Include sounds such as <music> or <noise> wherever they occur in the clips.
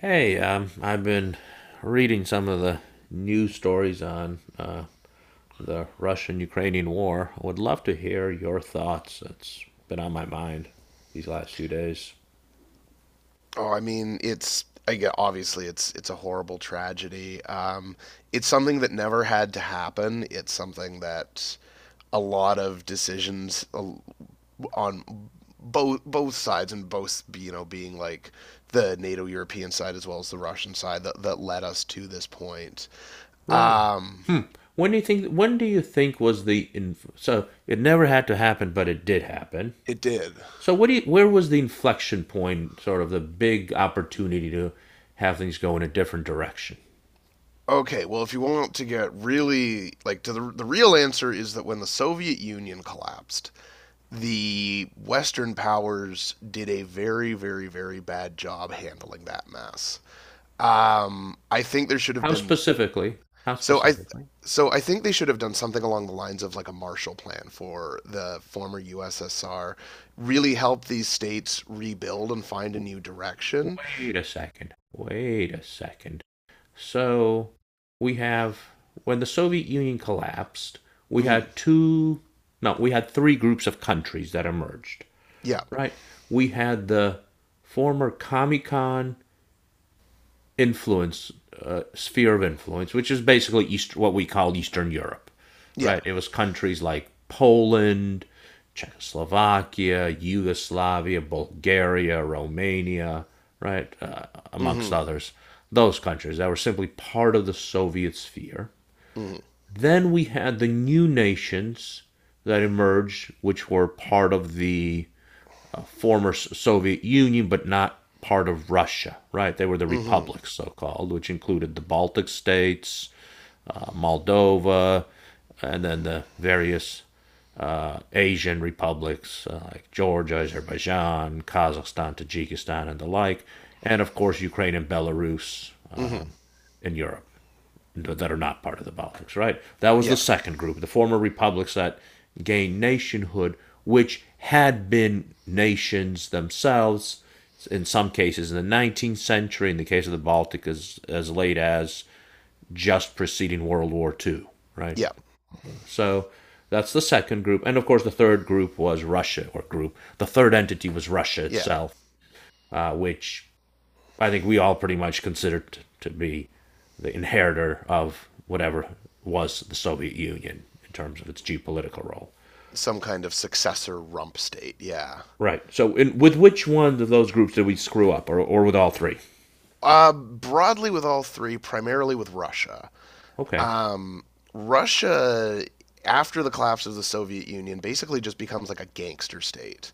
Hey, I've been reading some of the news stories on the Russian-Ukrainian war. I would love to hear your thoughts. It's been on my mind these last few days. Oh, I mean, it's a horrible tragedy. It's something that never had to happen. It's something that a lot of decisions on both sides, and both, you know, being like the NATO European side as well as the Russian side that led us to this point. Really? Um, Hmm. When do you think? When do you think was the it never had to happen, but it did happen. it did. So what do you? Where was the inflection point? Sort of the big opportunity to have things go in a different direction. Okay, well, if you want to get really like to the real answer is that when the Soviet Union collapsed, the Western powers did a very, very, very bad job handling that mess. I think there should have How been specifically? How so I specifically? so I think they should have done something along the lines of like a Marshall Plan for the former USSR, really help these states rebuild and find a new direction. Wait a second. Wait a second. So we have when the Soviet Union collapsed, we Mm-hmm. had two no, we had three groups of countries that emerged, Yeah, right? We had the former Comecon influence sphere of influence, which is basically East, what we call Eastern Europe, yeah. right? It was countries like Poland, Czechoslovakia, Yugoslavia, Bulgaria, Romania, right, amongst Mm-hmm. others. Those countries that were simply part of the Soviet sphere. Mm-hmm. Then we had the new nations that emerged, which were part of the former Soviet Union, but not part of Russia, right? They were the Mm-hmm. republics, so called, which included the Baltic states, Moldova, and then the various Asian republics like Georgia, Azerbaijan, Kazakhstan, Tajikistan, and the like, and of course Ukraine and Belarus Mm-hmm. in Europe that are not part of the Baltics, right? That was the Yeah, second group, the former republics that gained nationhood, which had been nations themselves in some cases in the 19th century, in the case of the Baltic, as late as just preceding World War II, right? yeah, So that's the second group. And of course, the third group was Russia, or group. The third entity was Russia yeah. itself, which I think we all pretty much considered to be the inheritor of whatever was the Soviet Union in terms of its geopolitical role. Some kind of successor rump state. Yeah. Right. So, with which one of those groups did we screw up, or with all three? Broadly with all three, primarily with Russia. Okay. Um, Russia, after the collapse of the Soviet Union, basically just becomes like a gangster state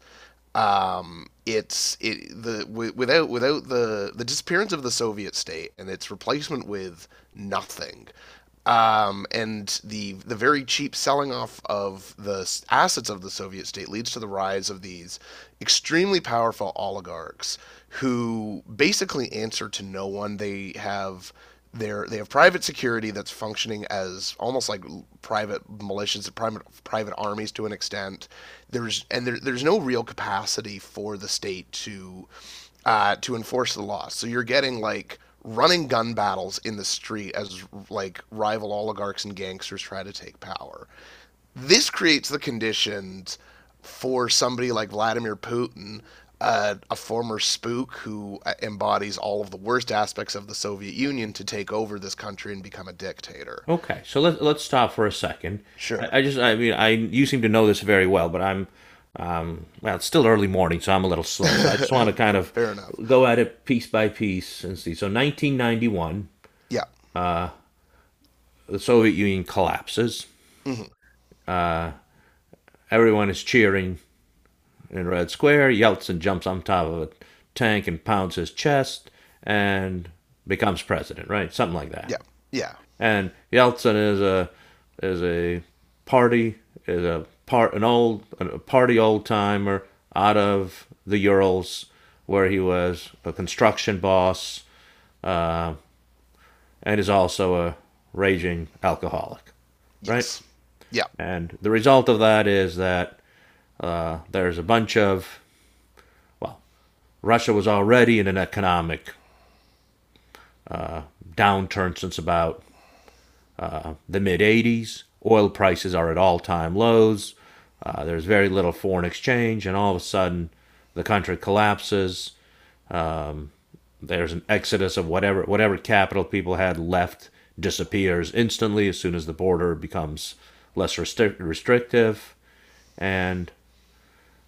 it's it the wi- without without the disappearance of the Soviet state and its replacement with nothing, and the very cheap selling off of the assets of the Soviet state leads to the rise of these extremely powerful oligarchs who basically answer to no one. They have private security that's functioning as almost like private militias, private armies to an extent. There's no real capacity for the state to enforce the law. So you're getting like running gun battles in the street as like rival oligarchs and gangsters try to take power. This creates the conditions for somebody like Vladimir Putin, a former spook who embodies all of the worst aspects of the Soviet Union, to take over this country and become a dictator. Okay. So let's stop for a second. Sure. I just, I mean, I you seem to know this very well, but well, it's still early morning, so I'm a little slow. So I just want to kind of <laughs> Fair enough. go at it piece by piece and see. So 1991, Yeah. the Soviet Union collapses. Hmm. Everyone is cheering in Red Square, Yeltsin jumps on top of a tank and pounds his chest and becomes president, right? Something like that. Yeah. Yeah. And Yeltsin is a party is a part an old a party old timer out of the Urals where he was a construction boss, um, and is also a raging alcoholic, right? Yes. Yeah. And the result of that is that there's a bunch of Russia was already in an economic downturn since about the mid '80s. Oil prices are at all time lows. There's very little foreign exchange, and all of a sudden, the country collapses. There's an exodus of whatever capital people had left disappears instantly as soon as the border becomes restrictive. And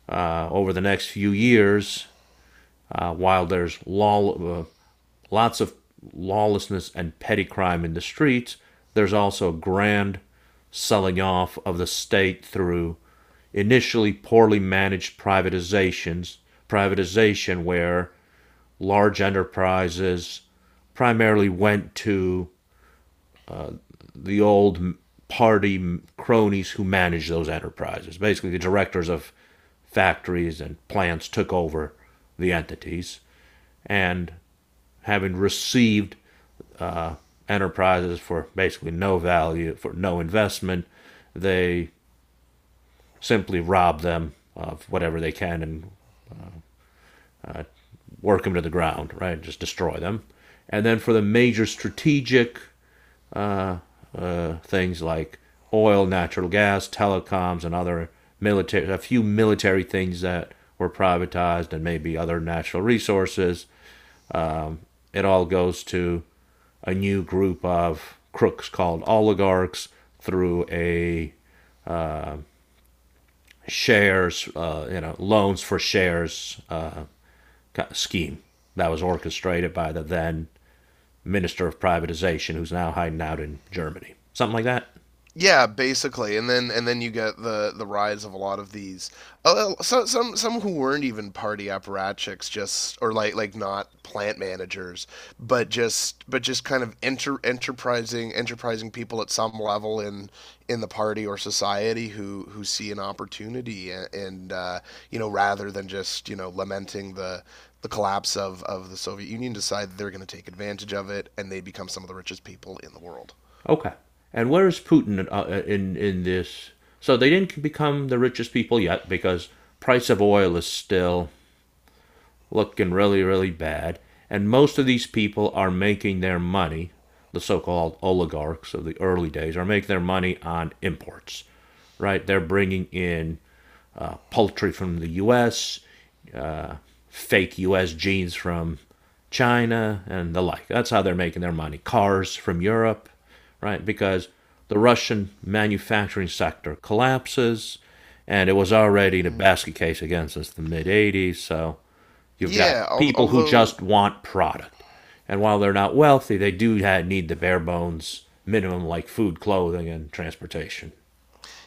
over the next few years, uh, while there's law, uh, lots of lawlessness and petty crime in the streets, there's also a grand selling off of the state through initially poorly managed privatization where large enterprises primarily went to the old party cronies who managed those enterprises. Basically, the directors of factories and plants took over the entities, and having received uh, enterprises for basically no value, for no investment, they simply rob them of whatever they can and work them to the ground, right? Just destroy them. And then for the major strategic things like oil, natural gas, telecoms, and other military, a few military things that were privatized, and maybe other natural resources. It all goes to a new group of crooks called oligarchs through a shares, loans for shares scheme that was orchestrated by the then Minister of Privatization, who's now hiding out in Germany. Something like that. Yeah, basically, and then you get the rise of a lot of these. Some who weren't even party apparatchiks, just or like not plant managers, but just kind of enterprising people at some level in the party or society who see an opportunity, and you know, rather than just, you know, lamenting the collapse of the Soviet Union, decide they're going to take advantage of it and they become some of the richest people in the world. Okay. And where is Putin in this? So they didn't become the richest people yet because price of oil is still looking really, really bad. And most of these people are making their money, the so called oligarchs of the early days, are making their money on imports, right? They're bringing in poultry from the US, uh, fake US jeans from China, and the like. That's how they're making their money. Cars from Europe, right? Because the Russian manufacturing sector collapses, and it was already in a Hmm. basket case again since the mid '80s. So you've got Yeah, al- people who although just want product. And while they're not wealthy, they do need the bare bones minimum, like food, clothing, and transportation.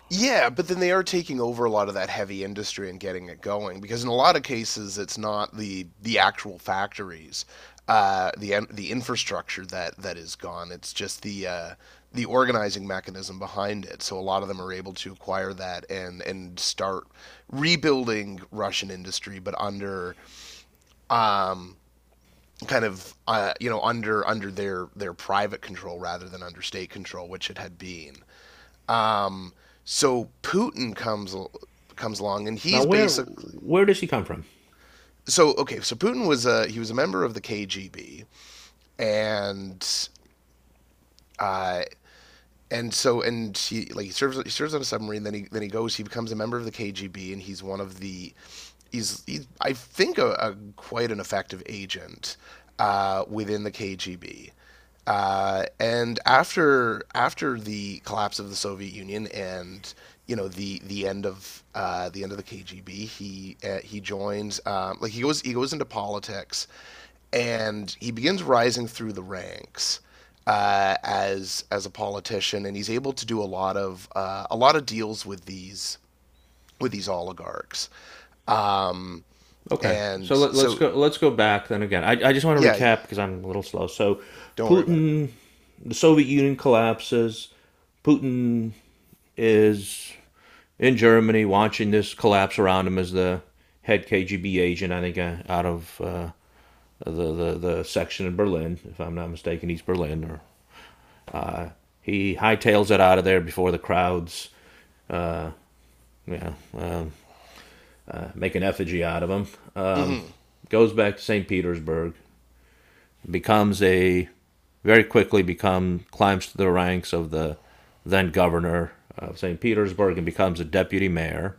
yeah, but then they are taking over a lot of that heavy industry and getting it going, because in a lot of cases it's not the actual factories, the infrastructure that is gone. It's just the organizing mechanism behind it. So a lot of them are able to acquire that and start rebuilding Russian industry, but under kind of, you know, under their private control rather than under state control, which it had been. So Putin comes along and Now, he's basically, where does he come from? so okay. So Putin was a, he was a member of the KGB, and uh, he like he serves on a submarine. Then he goes. He becomes a member of the KGB and he's one of the he's I think a quite an effective agent within the KGB. And after the collapse of the Soviet Union and, you know, the end of, the end of the KGB, he, he joins, like he goes into politics, and he begins rising through the ranks, as a politician, and he's able to do a lot of, a lot of deals with these, with these oligarchs. Um, Okay, and so so let's go back then again. I just want to yeah, recap because I'm a little slow. So, don't worry about it. Putin, the Soviet Union collapses. Putin is in Germany watching this collapse around him as the head KGB agent, I think, out of the section in Berlin, if I'm not mistaken, East Berlin. Or he hightails it out of there before the crowds, you know, um, make an effigy out of him. mm Um, hmm Goes back to St. Petersburg, becomes a very quickly become climbs to the ranks of the then governor of St. Petersburg and becomes a deputy mayor,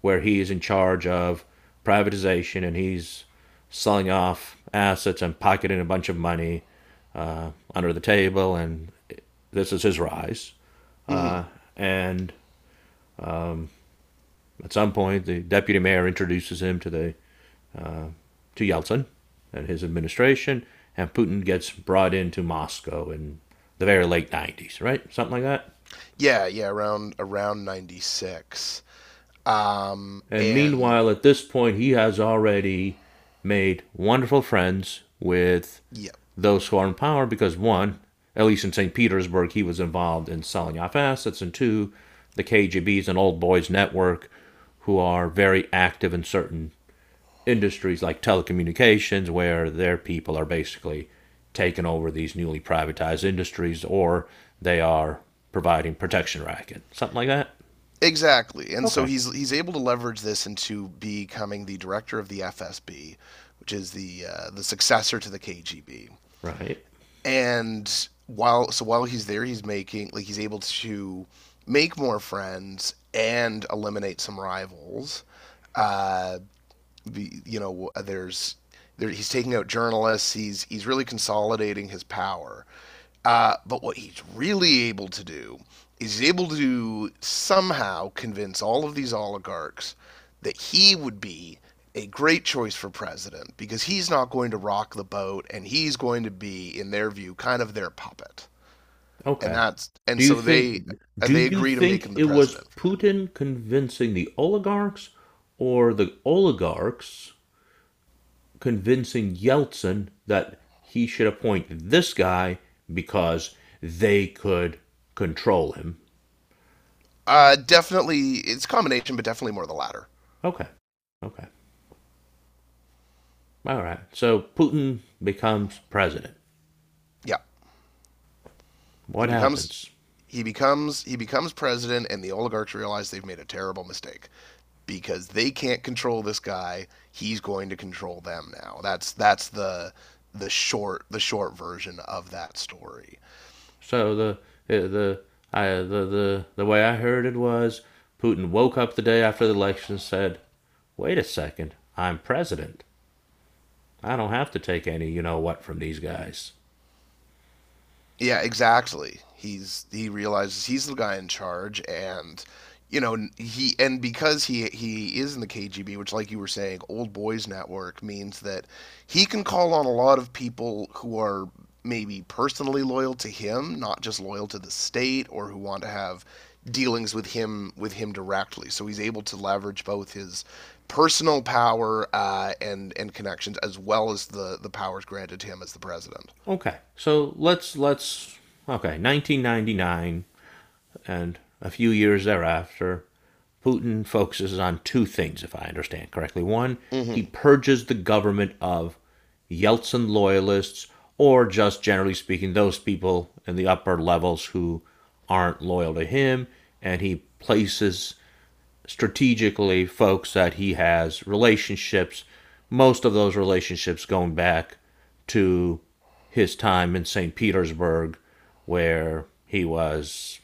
where he is in charge of privatization and he's selling off assets and pocketing a bunch of money under the table. And this is his rise. mm hmm And at some point, the deputy mayor introduces him to the to Yeltsin and his administration, and Putin gets brought into Moscow in the very late '90s, right? Something like that. Yeah, yeah, around 96. Um, And and meanwhile, at this point, he has already made wonderful friends with yeah, those who are in power because, one, at least in St. Petersburg, he was involved in selling off assets, and two, the KGB is an old boys network who are very active in certain industries like telecommunications, where their people are basically taking over these newly privatized industries or they are providing protection racket, something like that. exactly. And so Okay. he's able to leverage this into becoming the director of the FSB, which is the, the successor to the KGB. Right. And while, so while he's there, he's making, like, he's able to make more friends and eliminate some rivals. Uh the, you know, he's taking out journalists. He's really consolidating his power. But what he's really able to do is he's able to somehow convince all of these oligarchs that he would be a great choice for president because he's not going to rock the boat, and he's going to be, in their view, kind of their puppet. and Okay. that's and Do you so they think do they you agree to make think him the it was president for them. Putin convincing the oligarchs or the oligarchs convincing Yeltsin that he should appoint this guy because they could control him? Uh, definitely it's a combination, but definitely more the latter. Okay. Okay. All right. So Putin becomes president. Yeah, he What becomes happens? He becomes president and the oligarchs realize they've made a terrible mistake because they can't control this guy, he's going to control them now. That's the short, the short version of that story. So uh, the the way I heard it was Putin woke up the day after the election and said, "Wait a second, I'm president. I don't have to take any you know what from these guys." Yeah, exactly. He realizes he's the guy in charge, and, you know, he, and because he is in the KGB, which, like you were saying, old boys network, means that he can call on a lot of people who are maybe personally loyal to him, not just loyal to the state, or who want to have dealings with him, directly. So he's able to leverage both his personal power, and connections, as well as the powers granted to him as the president. Okay. So let's okay. 1999. And a few years thereafter, Putin focuses on two things, if I understand correctly. One, Hmm. he purges the government of Yeltsin loyalists, or just generally speaking, those people in the upper levels who aren't loyal to him, and he places strategically folks that he has relationships, most of those relationships going back to his time in St. Petersburg, where he was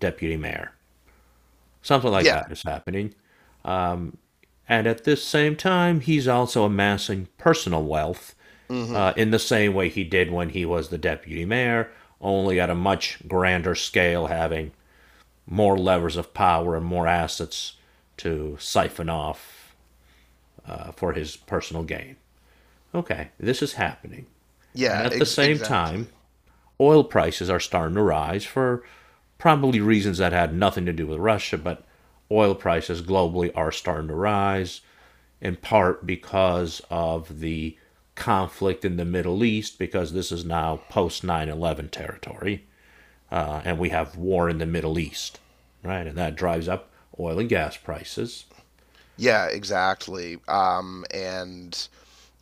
deputy mayor. Something like Yeah. that is happening. And at this same time, he's also amassing personal wealth Hmm. In the same way he did when he was the deputy mayor, only at a much grander scale, having more levers of power and more assets to siphon off for his personal gain. Okay, this is happening. And Yeah, at the ex- same exactly. time, oil prices are starting to rise for probably reasons that had nothing to do with Russia, but oil prices globally are starting to rise in part because of the conflict in the Middle East, because this is now post 9/11 territory, and we have war in the Middle East, right? And that drives up oil and gas prices. Yeah, exactly.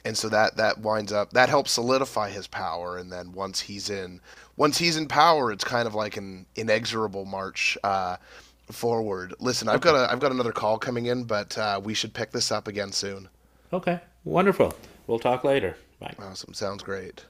And so that that winds up, that helps solidify his power. And then once he's in power, it's kind of like an inexorable march, forward. Listen, I've Okay. got a, I've got another call coming in, but, we should pick this up again soon. Okay. Wonderful. We'll talk later. Bye. Awesome, sounds great.